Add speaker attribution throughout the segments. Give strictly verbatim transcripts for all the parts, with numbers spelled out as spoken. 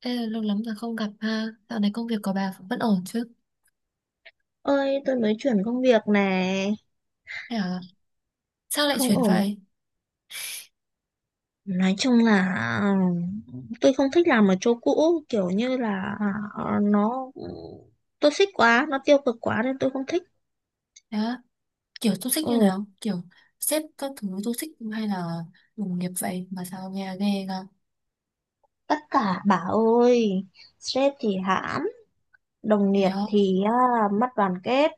Speaker 1: Ê, lâu lắm rồi không gặp ha. Dạo này công việc của bà vẫn ổn chứ?
Speaker 2: Ơi, tôi mới chuyển công việc này.
Speaker 1: Thế à? Sao lại
Speaker 2: Không
Speaker 1: chuyển
Speaker 2: ổn.
Speaker 1: vậy?
Speaker 2: Nói chung là, ừ, tôi không thích làm ở chỗ cũ kiểu như là, ờ, nó toxic quá, nó tiêu cực quá nên tôi không thích.
Speaker 1: Thế á? Kiểu toxic
Speaker 2: Ừ,
Speaker 1: như nào? Kiểu sếp các thứ toxic hay là đồng nghiệp vậy mà sao nghe ghê ra?
Speaker 2: tất cả bà ơi, sếp thì hãm, đồng
Speaker 1: Thế
Speaker 2: nghiệp
Speaker 1: không?
Speaker 2: thì à, mất đoàn kết,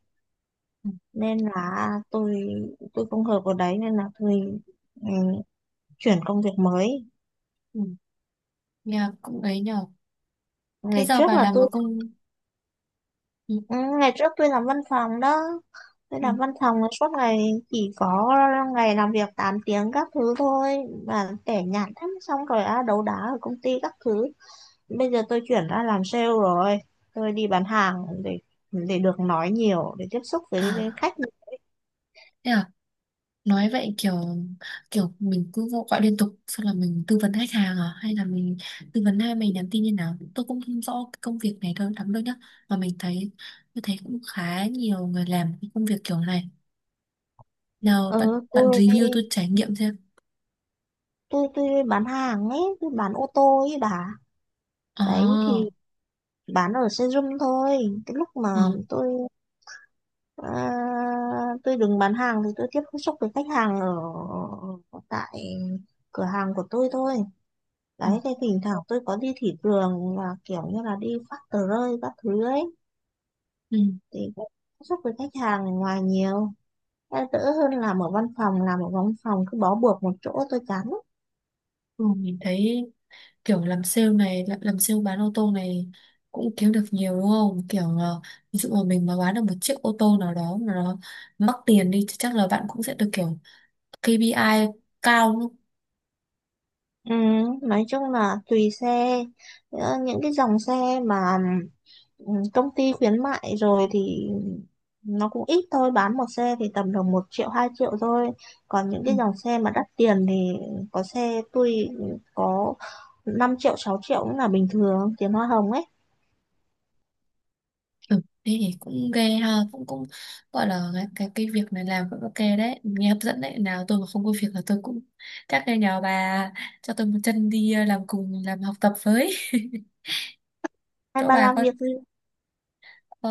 Speaker 1: Ừ,
Speaker 2: nên là tôi tôi không hợp ở đấy, nên là tôi ừ, chuyển công việc mới.
Speaker 1: ừ. Nghe cũng ấy nhờ. Thế
Speaker 2: Ngày
Speaker 1: giờ
Speaker 2: trước
Speaker 1: bà
Speaker 2: là
Speaker 1: làm ở
Speaker 2: tôi
Speaker 1: công... Ừ,
Speaker 2: Ừ, ngày trước tôi làm văn phòng đó, tôi
Speaker 1: ừ.
Speaker 2: làm văn phòng là suốt ngày, chỉ có ngày làm việc tám tiếng các thứ thôi, mà tẻ nhạt lắm, xong rồi á, đấu đá ở công ty các thứ. Bây giờ tôi chuyển ra làm sale rồi, tôi đi bán hàng để để được nói nhiều, để tiếp xúc với, với
Speaker 1: À,
Speaker 2: khách.
Speaker 1: thế à? Nói vậy kiểu kiểu mình cứ vô- gọi liên tục, xong là mình tư vấn khách hàng à, hay là mình tư vấn hai, mình nhắn tin như nào, tôi cũng không rõ cái công việc này thôi lắm đâu nhá. Mà mình thấy, tôi thấy cũng khá nhiều người làm cái công việc kiểu này. Nào bạn
Speaker 2: ừ,
Speaker 1: bạn
Speaker 2: tôi
Speaker 1: review, tôi trải nghiệm xem.
Speaker 2: tôi tôi bán hàng ấy, tôi bán ô tô ấy bà.
Speaker 1: Ờ.
Speaker 2: Đấy thì bán ở showroom thôi. Cái lúc mà
Speaker 1: Ừ,
Speaker 2: tôi À, tôi đứng bán hàng thì tôi tiếp xúc với khách hàng ở ở tại cửa hàng của tôi thôi.
Speaker 1: ừ,
Speaker 2: Đấy, thì thỉnh thoảng tôi có đi thị trường và kiểu như là đi phát tờ rơi các thứ ấy,
Speaker 1: ừ,
Speaker 2: thì cũng tiếp xúc với khách hàng ở ngoài nhiều. Đã đỡ hơn làm ở văn phòng, làm ở văn phòng cứ bó buộc một chỗ tôi chán. lắm.
Speaker 1: ừ, mình thấy kiểu làm sale này, làm, làm sale bán ô tô này cũng kiếm được nhiều đúng không? Kiểu ờ, ví dụ mà mình mà bán được một chiếc ô tô nào đó mà nó mắc tiền đi, thì chắc là bạn cũng sẽ được kiểu kê pi ai cao luôn.
Speaker 2: Ừ, nói chung là tùy xe. Ờ, những cái dòng xe mà ừ, công ty khuyến mại rồi thì nó cũng ít thôi, bán một xe thì tầm được một triệu, hai triệu thôi. Còn những
Speaker 1: Ừ.
Speaker 2: cái dòng xe mà đắt tiền thì có xe tôi có năm triệu, sáu triệu cũng là bình thường, tiền hoa hồng ấy.
Speaker 1: Ừ. Thế thì cũng ghê ha, cũng cũng gọi là cái cái, cái việc này làm cũng ok đấy, nghe hấp dẫn đấy. Nào tôi mà không có việc là tôi cũng chắc là nhờ bà cho tôi một chân đi, ờ, làm cùng, làm học tập với.
Speaker 2: Hay
Speaker 1: Chỗ
Speaker 2: bà
Speaker 1: bà
Speaker 2: làm
Speaker 1: có.
Speaker 2: việc gì?
Speaker 1: Ờ,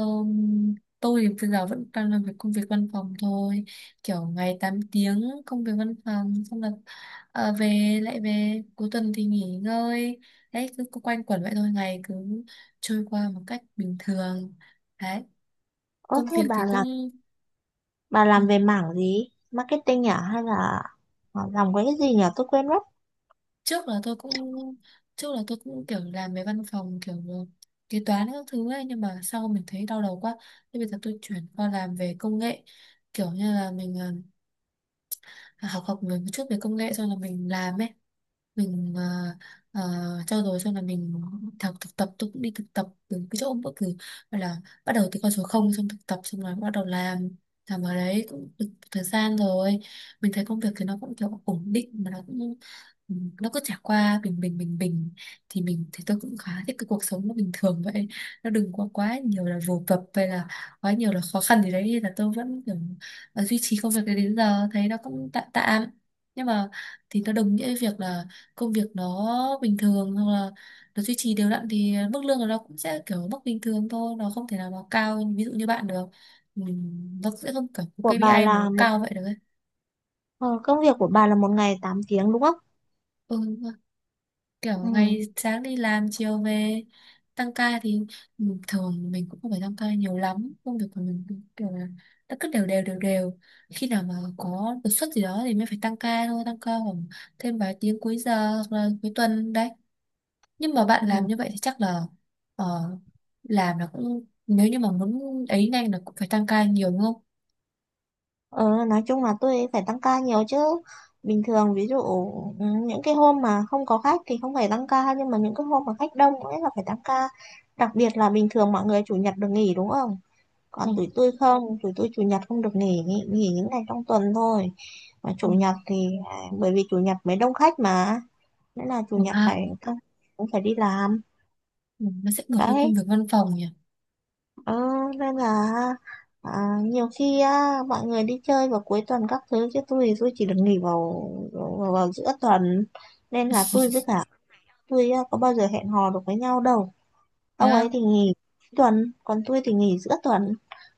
Speaker 1: tôi thì bây giờ vẫn đang làm việc công việc văn phòng thôi, kiểu ngày tám tiếng công việc văn phòng, xong là ờ, về lại, về cuối tuần thì nghỉ ngơi. Đấy, cứ, cứ quanh quẩn vậy thôi, ngày cứ trôi qua một cách bình thường đấy.
Speaker 2: Ơ,
Speaker 1: Công
Speaker 2: thế
Speaker 1: việc thì
Speaker 2: bà làm,
Speaker 1: cũng
Speaker 2: bà
Speaker 1: ừ,
Speaker 2: làm về mảng gì, marketing à, hay là ờ, làm cái gì nhỉ, tôi quên mất.
Speaker 1: trước là tôi cũng trước là tôi cũng kiểu làm về văn phòng, kiểu ờ, kế toán các thứ ấy, nhưng mà sau mình thấy đau đầu quá, thế bây giờ tôi chuyển qua làm về công nghệ. Kiểu như là mình ờ, học học về một chút về công nghệ, xong là mình làm ấy. Mình ờ, ờ, trau dồi xong là mình học thực tập. Tôi cũng đi thực tập từ cái chỗ bất cứ, gọi là bắt đầu từ con số không, xong thực tập xong rồi bắt đầu làm. Làm ở đấy cũng được một thời gian rồi, mình thấy công việc thì nó cũng kiểu ổn định mà nó cũng ừ, nó cứ trải qua bình bình bình bình. Thì mình, thì tôi cũng khá thích cái cuộc sống nó bình thường vậy, nó đừng quá quá nhiều là vồ vập hay là quá nhiều là khó khăn gì đấy. Nên là tôi vẫn kiểu ờ, duy trì công việc đấy đến giờ, thấy nó cũng tạm tạm. Nhưng mà, thì nó đồng nghĩa với việc là công việc nó bình thường, hoặc là nó duy trì đều đặn, thì mức lương của nó cũng sẽ kiểu mức bình thường thôi, nó không thể nào nó cao ví dụ như bạn được. Ừm, nó sẽ không kiểu có
Speaker 2: Của bà
Speaker 1: kê pi ai mà nó
Speaker 2: là một
Speaker 1: cao vậy được ấy.
Speaker 2: ờ, Công việc của bà là một ngày tám tiếng đúng không?
Speaker 1: Ừ, kiểu
Speaker 2: Ừ.
Speaker 1: ngày sáng đi làm chiều về. Tăng ca thì ừm, thường mình cũng không phải tăng ca nhiều lắm, công việc của mình cũng kiểu là nó cứ đều đều đều đều. Khi nào mà có đột xuất gì đó thì mới phải tăng ca thôi, tăng ca khoảng thêm vài tiếng cuối giờ hoặc là cuối tuần đấy. Nhưng mà bạn làm
Speaker 2: Ừ.
Speaker 1: như vậy thì chắc là ờ, làm là cũng, nếu như mà muốn ấy nhanh là cũng phải tăng ca nhiều, đúng không?
Speaker 2: Ờ, nói chung là tôi phải tăng ca nhiều chứ. Bình thường ví dụ ừ, những cái hôm mà không có khách thì không phải tăng ca, nhưng mà những cái hôm mà khách đông ấy là phải tăng ca. Đặc biệt là bình thường mọi người chủ nhật được nghỉ đúng không? Còn tụi
Speaker 1: Ừ.
Speaker 2: tôi không, tụi tôi chủ nhật không được nghỉ, nghỉ, nghỉ những ngày trong tuần thôi. Mà chủ
Speaker 1: Ừ.
Speaker 2: nhật thì à, bởi vì chủ nhật mới đông khách mà, nên là chủ
Speaker 1: Ừ,
Speaker 2: nhật
Speaker 1: ha.
Speaker 2: phải tăng- cũng phải đi làm.
Speaker 1: Ừ. Nó sẽ ngược với công
Speaker 2: Đấy,
Speaker 1: việc văn phòng nhỉ.
Speaker 2: Ừ, nên là à, nhiều khi á, mọi người đi chơi vào cuối tuần các thứ, chứ tôi thì tôi chỉ được nghỉ vào, vào vào giữa tuần, nên là tôi với cả tôi á, có bao giờ hẹn hò được với nhau đâu.
Speaker 1: Thế
Speaker 2: Ông ấy
Speaker 1: á?
Speaker 2: thì nghỉ tuần còn tôi thì nghỉ giữa tuần,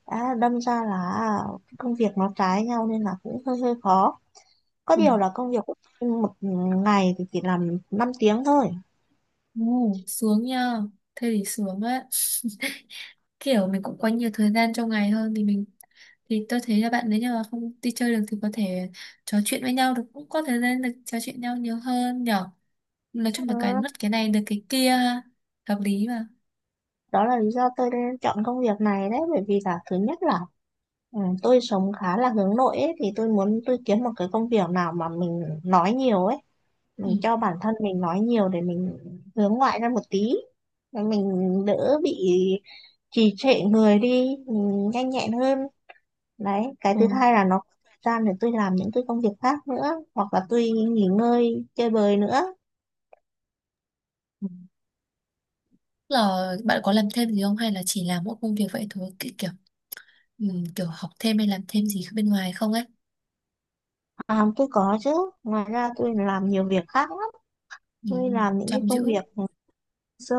Speaker 2: đã đâm ra là à, công việc nó trái nhau nên là cũng hơi hơi khó. Có
Speaker 1: Ừ.
Speaker 2: điều là công việc của tôi một ngày thì chỉ làm năm tiếng thôi.
Speaker 1: Ừ. Sướng nha. Thế thì sướng á, kiểu mình cũng có nhiều thời gian trong ngày hơn, thì mình, thì tôi thấy là bạn nếu như mà không đi chơi được thì có thể trò chuyện với nhau được, cũng có thời gian được trò chuyện nhau nhiều hơn nhở. Nói chung
Speaker 2: Ừ,
Speaker 1: là cái mất cái này được cái kia ha. Hợp lý mà.
Speaker 2: đó là lý do tôi chọn công việc này đấy, bởi vì là thứ nhất là Ừ, tôi sống khá là hướng nội ấy, thì tôi muốn tôi kiếm một cái công việc nào mà mình nói nhiều ấy, mình
Speaker 1: Ừ.
Speaker 2: cho bản thân mình nói nhiều để mình hướng ngoại ra một tí, để mình đỡ bị trì trệ người đi, mình nhanh nhẹn hơn. Đấy, cái thứ hai là nó có thời gian để tôi làm những cái công việc khác nữa, hoặc là tôi nghỉ ngơi chơi bời nữa.
Speaker 1: Ừ. Là bạn có làm thêm gì không, hay là chỉ làm mỗi công việc vậy thôi? Ki- kiểu ừ, kiểu học thêm hay làm thêm gì bên ngoài không ấy?
Speaker 2: À, tôi có chứ, ngoài ra tôi làm nhiều việc khác lắm.
Speaker 1: Ừ,
Speaker 2: Tôi làm những cái
Speaker 1: chăm
Speaker 2: công
Speaker 1: chữ.
Speaker 2: việc dơ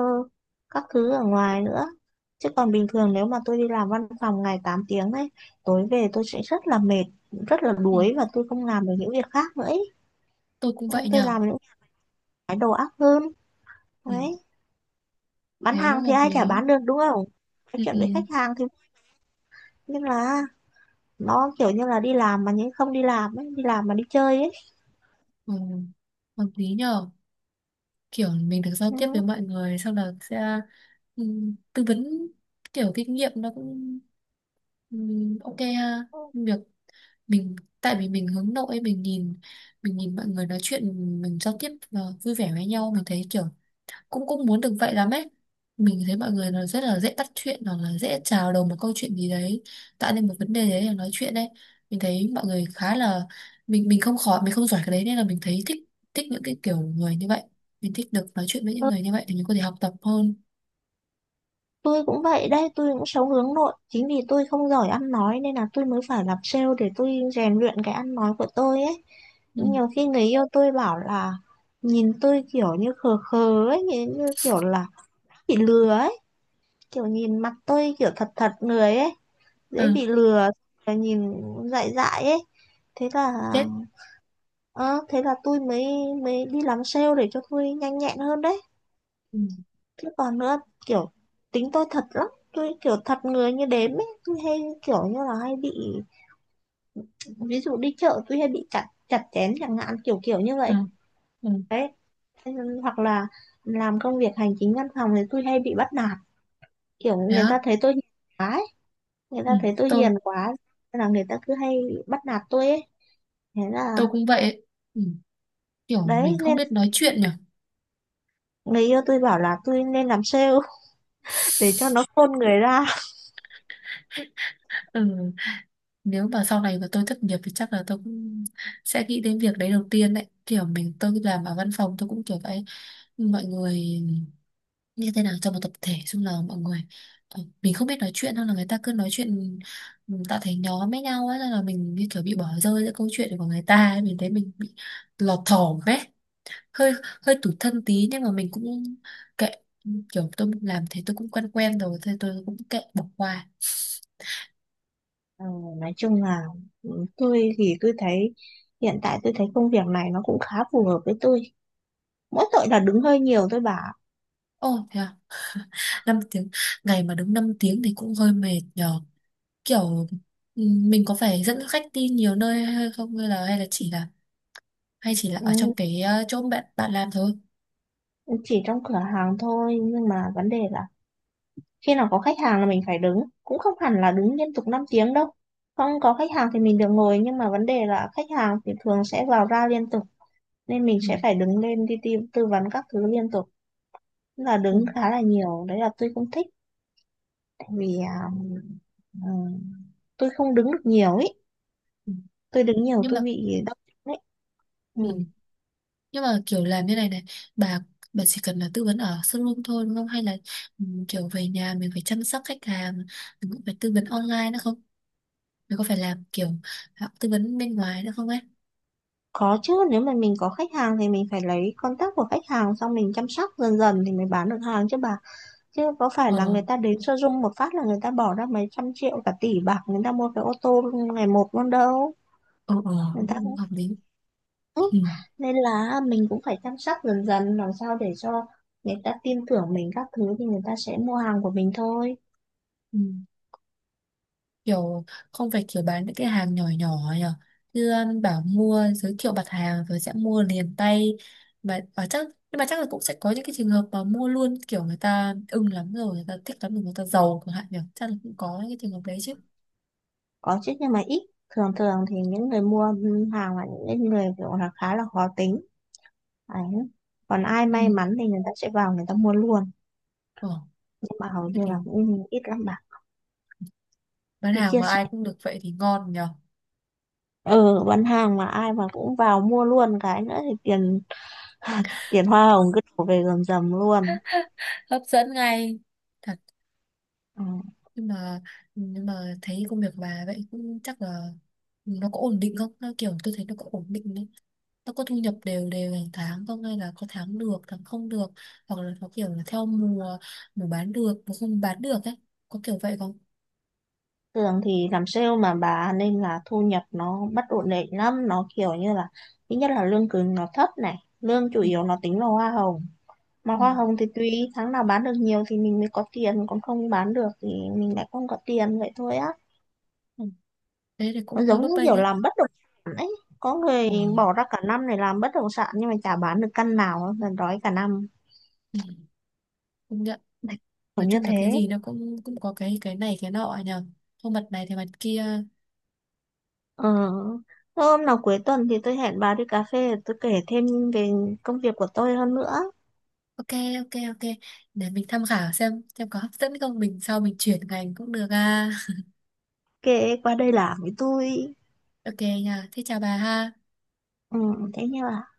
Speaker 2: các thứ ở ngoài nữa, chứ còn bình thường nếu mà tôi đi làm văn phòng ngày tám tiếng ấy, tối về tôi sẽ rất là mệt, rất là
Speaker 1: Ừ,
Speaker 2: đuối và tôi không làm được những việc khác nữa ấy.
Speaker 1: tôi cũng vậy
Speaker 2: Nên tôi
Speaker 1: nhờ.
Speaker 2: làm những cái đầu óc hơn.
Speaker 1: Ừ,
Speaker 2: Đấy, bán
Speaker 1: thế cũng
Speaker 2: hàng thì
Speaker 1: hợp
Speaker 2: ai chả
Speaker 1: lý.
Speaker 2: bán được đúng không, nói
Speaker 1: Ừ,
Speaker 2: chuyện
Speaker 1: ừ,
Speaker 2: với khách hàng thì, nhưng là nó kiểu như là đi làm mà nhưng không đi làm ấy, đi làm mà đi chơi ấy.
Speaker 1: ừ, hợp lý nhờ. Kiểu mình được giao tiếp với mọi người, sau đó sẽ ừ, tư vấn, kiểu kinh nghiệm nó cũng ừ, ok ha. Việc mình, tại vì mình hướng nội, mình nhìn mình nhìn mọi người nói chuyện, mình giao tiếp ờ, vui vẻ với nhau, mình thấy kiểu cũng cũng muốn được vậy lắm ấy. Mình thấy mọi người nó rất là dễ bắt chuyện, hoặc là dễ chào đầu một câu chuyện gì đấy, tạo nên một vấn đề đấy là nói chuyện đấy. Mình thấy mọi người khá là, mình mình không khỏi, mình không giỏi cái đấy, nên là mình thấy thích, thích những cái kiểu người như vậy. Mình thích được nói chuyện với
Speaker 2: Ừ.
Speaker 1: những người như vậy, thì mình có thể học tập hơn.
Speaker 2: Tôi cũng vậy đấy, tôi cũng sống hướng nội. Chính vì tôi không giỏi ăn nói nên là tôi mới phải làm sale để tôi rèn luyện cái ăn nói của tôi ấy.
Speaker 1: Ừ.
Speaker 2: Nhiều khi người yêu tôi bảo là nhìn tôi kiểu như khờ khờ ấy, nhìn như kiểu là bị lừa ấy. Kiểu nhìn mặt tôi kiểu thật thật người ấy, dễ
Speaker 1: Ừ.
Speaker 2: bị lừa, rồi nhìn dại dại ấy. Thế là,
Speaker 1: Chết.
Speaker 2: ờ, thế là tôi mới mới đi làm sale để cho tôi nhanh nhẹn hơn đấy.
Speaker 1: Ừ.
Speaker 2: Chứ còn nữa, kiểu tính tôi thật lắm, tôi kiểu thật người như đếm ấy, tôi hay kiểu như là hay bị, ví dụ đi chợ tôi hay bị chặt chặt chém chẳng hạn, kiểu kiểu như
Speaker 1: Ừ.
Speaker 2: vậy.
Speaker 1: Ừ.
Speaker 2: Đấy, hoặc là làm công việc hành chính văn phòng thì tôi hay bị bắt nạt, kiểu
Speaker 1: Thế
Speaker 2: người
Speaker 1: á?
Speaker 2: ta thấy tôi hiền quá ấy. Người
Speaker 1: Ừ.
Speaker 2: ta thấy tôi
Speaker 1: tôi
Speaker 2: hiền quá nên là người ta cứ hay bắt nạt tôi ấy, thế là
Speaker 1: tôi cũng vậy ấy. Ừ. Kiểu
Speaker 2: đấy,
Speaker 1: mình không
Speaker 2: nên
Speaker 1: biết nói chuyện nhỉ.
Speaker 2: người yêu tôi bảo là tôi nên làm sale để cho nó khôn người ra.
Speaker 1: Ừ, nếu mà sau này mà tôi thất nghiệp thì chắc là tôi cũng sẽ nghĩ đến việc đấy đầu tiên đấy. Kiểu mình, tôi làm ở văn phòng tôi cũng kiểu vậy, mọi người như thế nào trong một tập thể chung, là mọi người ờ, mình không biết nói chuyện, hay là người ta cứ nói chuyện, ừ, tạo thành nhóm với nhau ấy, nên là mình như kiểu bị bỏ rơi giữa câu chuyện của người ta ấy. Mình thấy mình bị lọt thỏm ấy, hơi hơi tủi thân tí, nhưng mà mình cũng kệ. Kiểu tôi làm thế tôi cũng quen quen rồi, thế tôi cũng kệ, bỏ qua.
Speaker 2: Ờ, nói chung là ừ, tôi thì tôi thấy, hiện tại tôi thấy công việc này nó cũng khá phù hợp với tôi. Mỗi tội là đứng hơi nhiều, tôi bảo.
Speaker 1: Ồ, thế à? Năm tiếng, ngày mà đứng năm tiếng thì cũng hơi mệt nhờ. Kiểu ừ, mình có phải dẫn khách đi nhiều nơi hay không, hay là hay là chỉ là hay chỉ là
Speaker 2: Ừ,
Speaker 1: ở trong cái ờ, chỗ bạn bạn làm thôi?
Speaker 2: chỉ trong cửa hàng thôi nhưng mà vấn đề là khi nào có khách hàng là mình phải đứng, cũng không hẳn là đứng liên tục năm tiếng đâu. Không có khách hàng thì mình được ngồi, nhưng mà vấn đề là khách hàng thì thường sẽ vào ra liên tục, nên mình
Speaker 1: Ừ.
Speaker 2: sẽ phải đứng lên đi tư, tư vấn các thứ liên tục. Tức là
Speaker 1: Ừ.
Speaker 2: đứng khá là nhiều, đấy là tôi không thích, tại vì à, ừ, tôi không đứng được nhiều ý,
Speaker 1: Ừ.
Speaker 2: tôi đứng nhiều
Speaker 1: Nhưng
Speaker 2: tôi
Speaker 1: mà
Speaker 2: bị đau chân đấy. Ừ.
Speaker 1: ừ. Nhưng mà kiểu làm như này này, bà bà chỉ cần là tư vấn ở showroom thôi, đúng không? Hay là ừ, kiểu về nhà mình phải chăm sóc khách hàng, mình cũng phải tư vấn online nữa không, mình có phải làm kiểu à, tư vấn bên ngoài nữa không ấy?
Speaker 2: Có chứ, nếu mà mình có khách hàng thì mình phải lấy contact của khách hàng, xong mình chăm sóc dần dần thì mới bán được hàng chứ bà, chứ có phải là
Speaker 1: Ờ.
Speaker 2: người ta đến showroom một phát là người ta bỏ ra mấy trăm triệu, cả tỷ bạc, người ta mua cái ô tô ngày một luôn đâu.
Speaker 1: Ờ. Ờ,
Speaker 2: Người ta
Speaker 1: cũng
Speaker 2: cũng,
Speaker 1: hợp lý.
Speaker 2: ừ,
Speaker 1: Ừ.
Speaker 2: nên là mình cũng phải chăm sóc dần dần, làm sao để cho người ta tin tưởng mình các thứ thì người ta sẽ mua hàng của mình thôi.
Speaker 1: Ừ. Kiểu không phải kiểu bán những cái hàng nhỏ nhỏ nhở, như um, bảo mua giới thiệu mặt hàng rồi sẽ mua liền tay mà mà chắc. Nhưng mà chắc là cũng sẽ có những cái trường hợp mà mua luôn, kiểu người ta ưng lắm rồi, người ta thích lắm rồi, người ta giàu chẳng hạn nhở, chắc là cũng có những cái trường hợp đấy chứ.
Speaker 2: Có chứ, nhưng mà ít. Thường thường thì những người mua hàng là những người kiểu là khá là khó tính. Đấy. Còn ai
Speaker 1: Ừ.
Speaker 2: may mắn thì người ta sẽ vào người ta mua luôn,
Speaker 1: Ờ.
Speaker 2: nhưng mà hầu
Speaker 1: Thế
Speaker 2: như
Speaker 1: thì
Speaker 2: là cũng ít lắm bạn.
Speaker 1: bán
Speaker 2: Khi
Speaker 1: hàng
Speaker 2: chia
Speaker 1: mà
Speaker 2: sẻ,
Speaker 1: ai cũng được vậy thì ngon nhở.
Speaker 2: ờ bán hàng mà ai mà cũng vào mua luôn cái nữa thì tiền tiền hoa hồng cứ đổ về rầm rầm luôn.
Speaker 1: Hấp dẫn ngay. Thật.
Speaker 2: Ừ.
Speaker 1: Nhưng mà, nhưng mà thấy công việc của bà vậy cũng chắc là nó có ổn định không? Nó kiểu tôi thấy nó có ổn định đấy, nó có thu nhập đều đều hàng tháng không, hay là có tháng được tháng không được, hoặc là có kiểu là theo mùa, mùa bán được mùa không bán được ấy, có kiểu vậy không?
Speaker 2: Thường thì làm sale mà bà, nên là thu nhập nó bất ổn định lắm, nó kiểu như là thứ nhất là lương cứng nó thấp này, lương chủ
Speaker 1: Ừ.
Speaker 2: yếu nó tính là hoa hồng, mà
Speaker 1: Ừ.
Speaker 2: hoa hồng thì tùy tháng nào bán được nhiều thì mình mới có tiền, còn không bán được thì mình lại không có tiền vậy thôi á.
Speaker 1: Ừ. Thế thì
Speaker 2: Nó
Speaker 1: cũng hơi
Speaker 2: giống
Speaker 1: bấp
Speaker 2: như kiểu
Speaker 1: bênh ấy.
Speaker 2: làm bất động sản ấy. Có người
Speaker 1: Ừ.
Speaker 2: bỏ ra cả năm để làm bất động sản nhưng mà chả bán được căn nào, là đói cả năm.
Speaker 1: Ừ. Công nhận.
Speaker 2: Kiểu
Speaker 1: Nói
Speaker 2: như
Speaker 1: chung là cái
Speaker 2: thế.
Speaker 1: gì nó cũng cũng có cái cái này cái nọ nhờ, không mặt này thì mặt kia.
Speaker 2: Ờ. Thôi, hôm nào cuối tuần thì tôi hẹn bà đi cà phê, tôi kể thêm về công việc của tôi hơn nữa.
Speaker 1: Ok. Ok ok, để mình tham khảo xem xem có hấp dẫn không, mình sau mình chuyển ngành cũng được à.
Speaker 2: Kể qua đây làm với tôi.
Speaker 1: Ok nha, thế chào bà ha.
Speaker 2: Ừ, thế nha bà.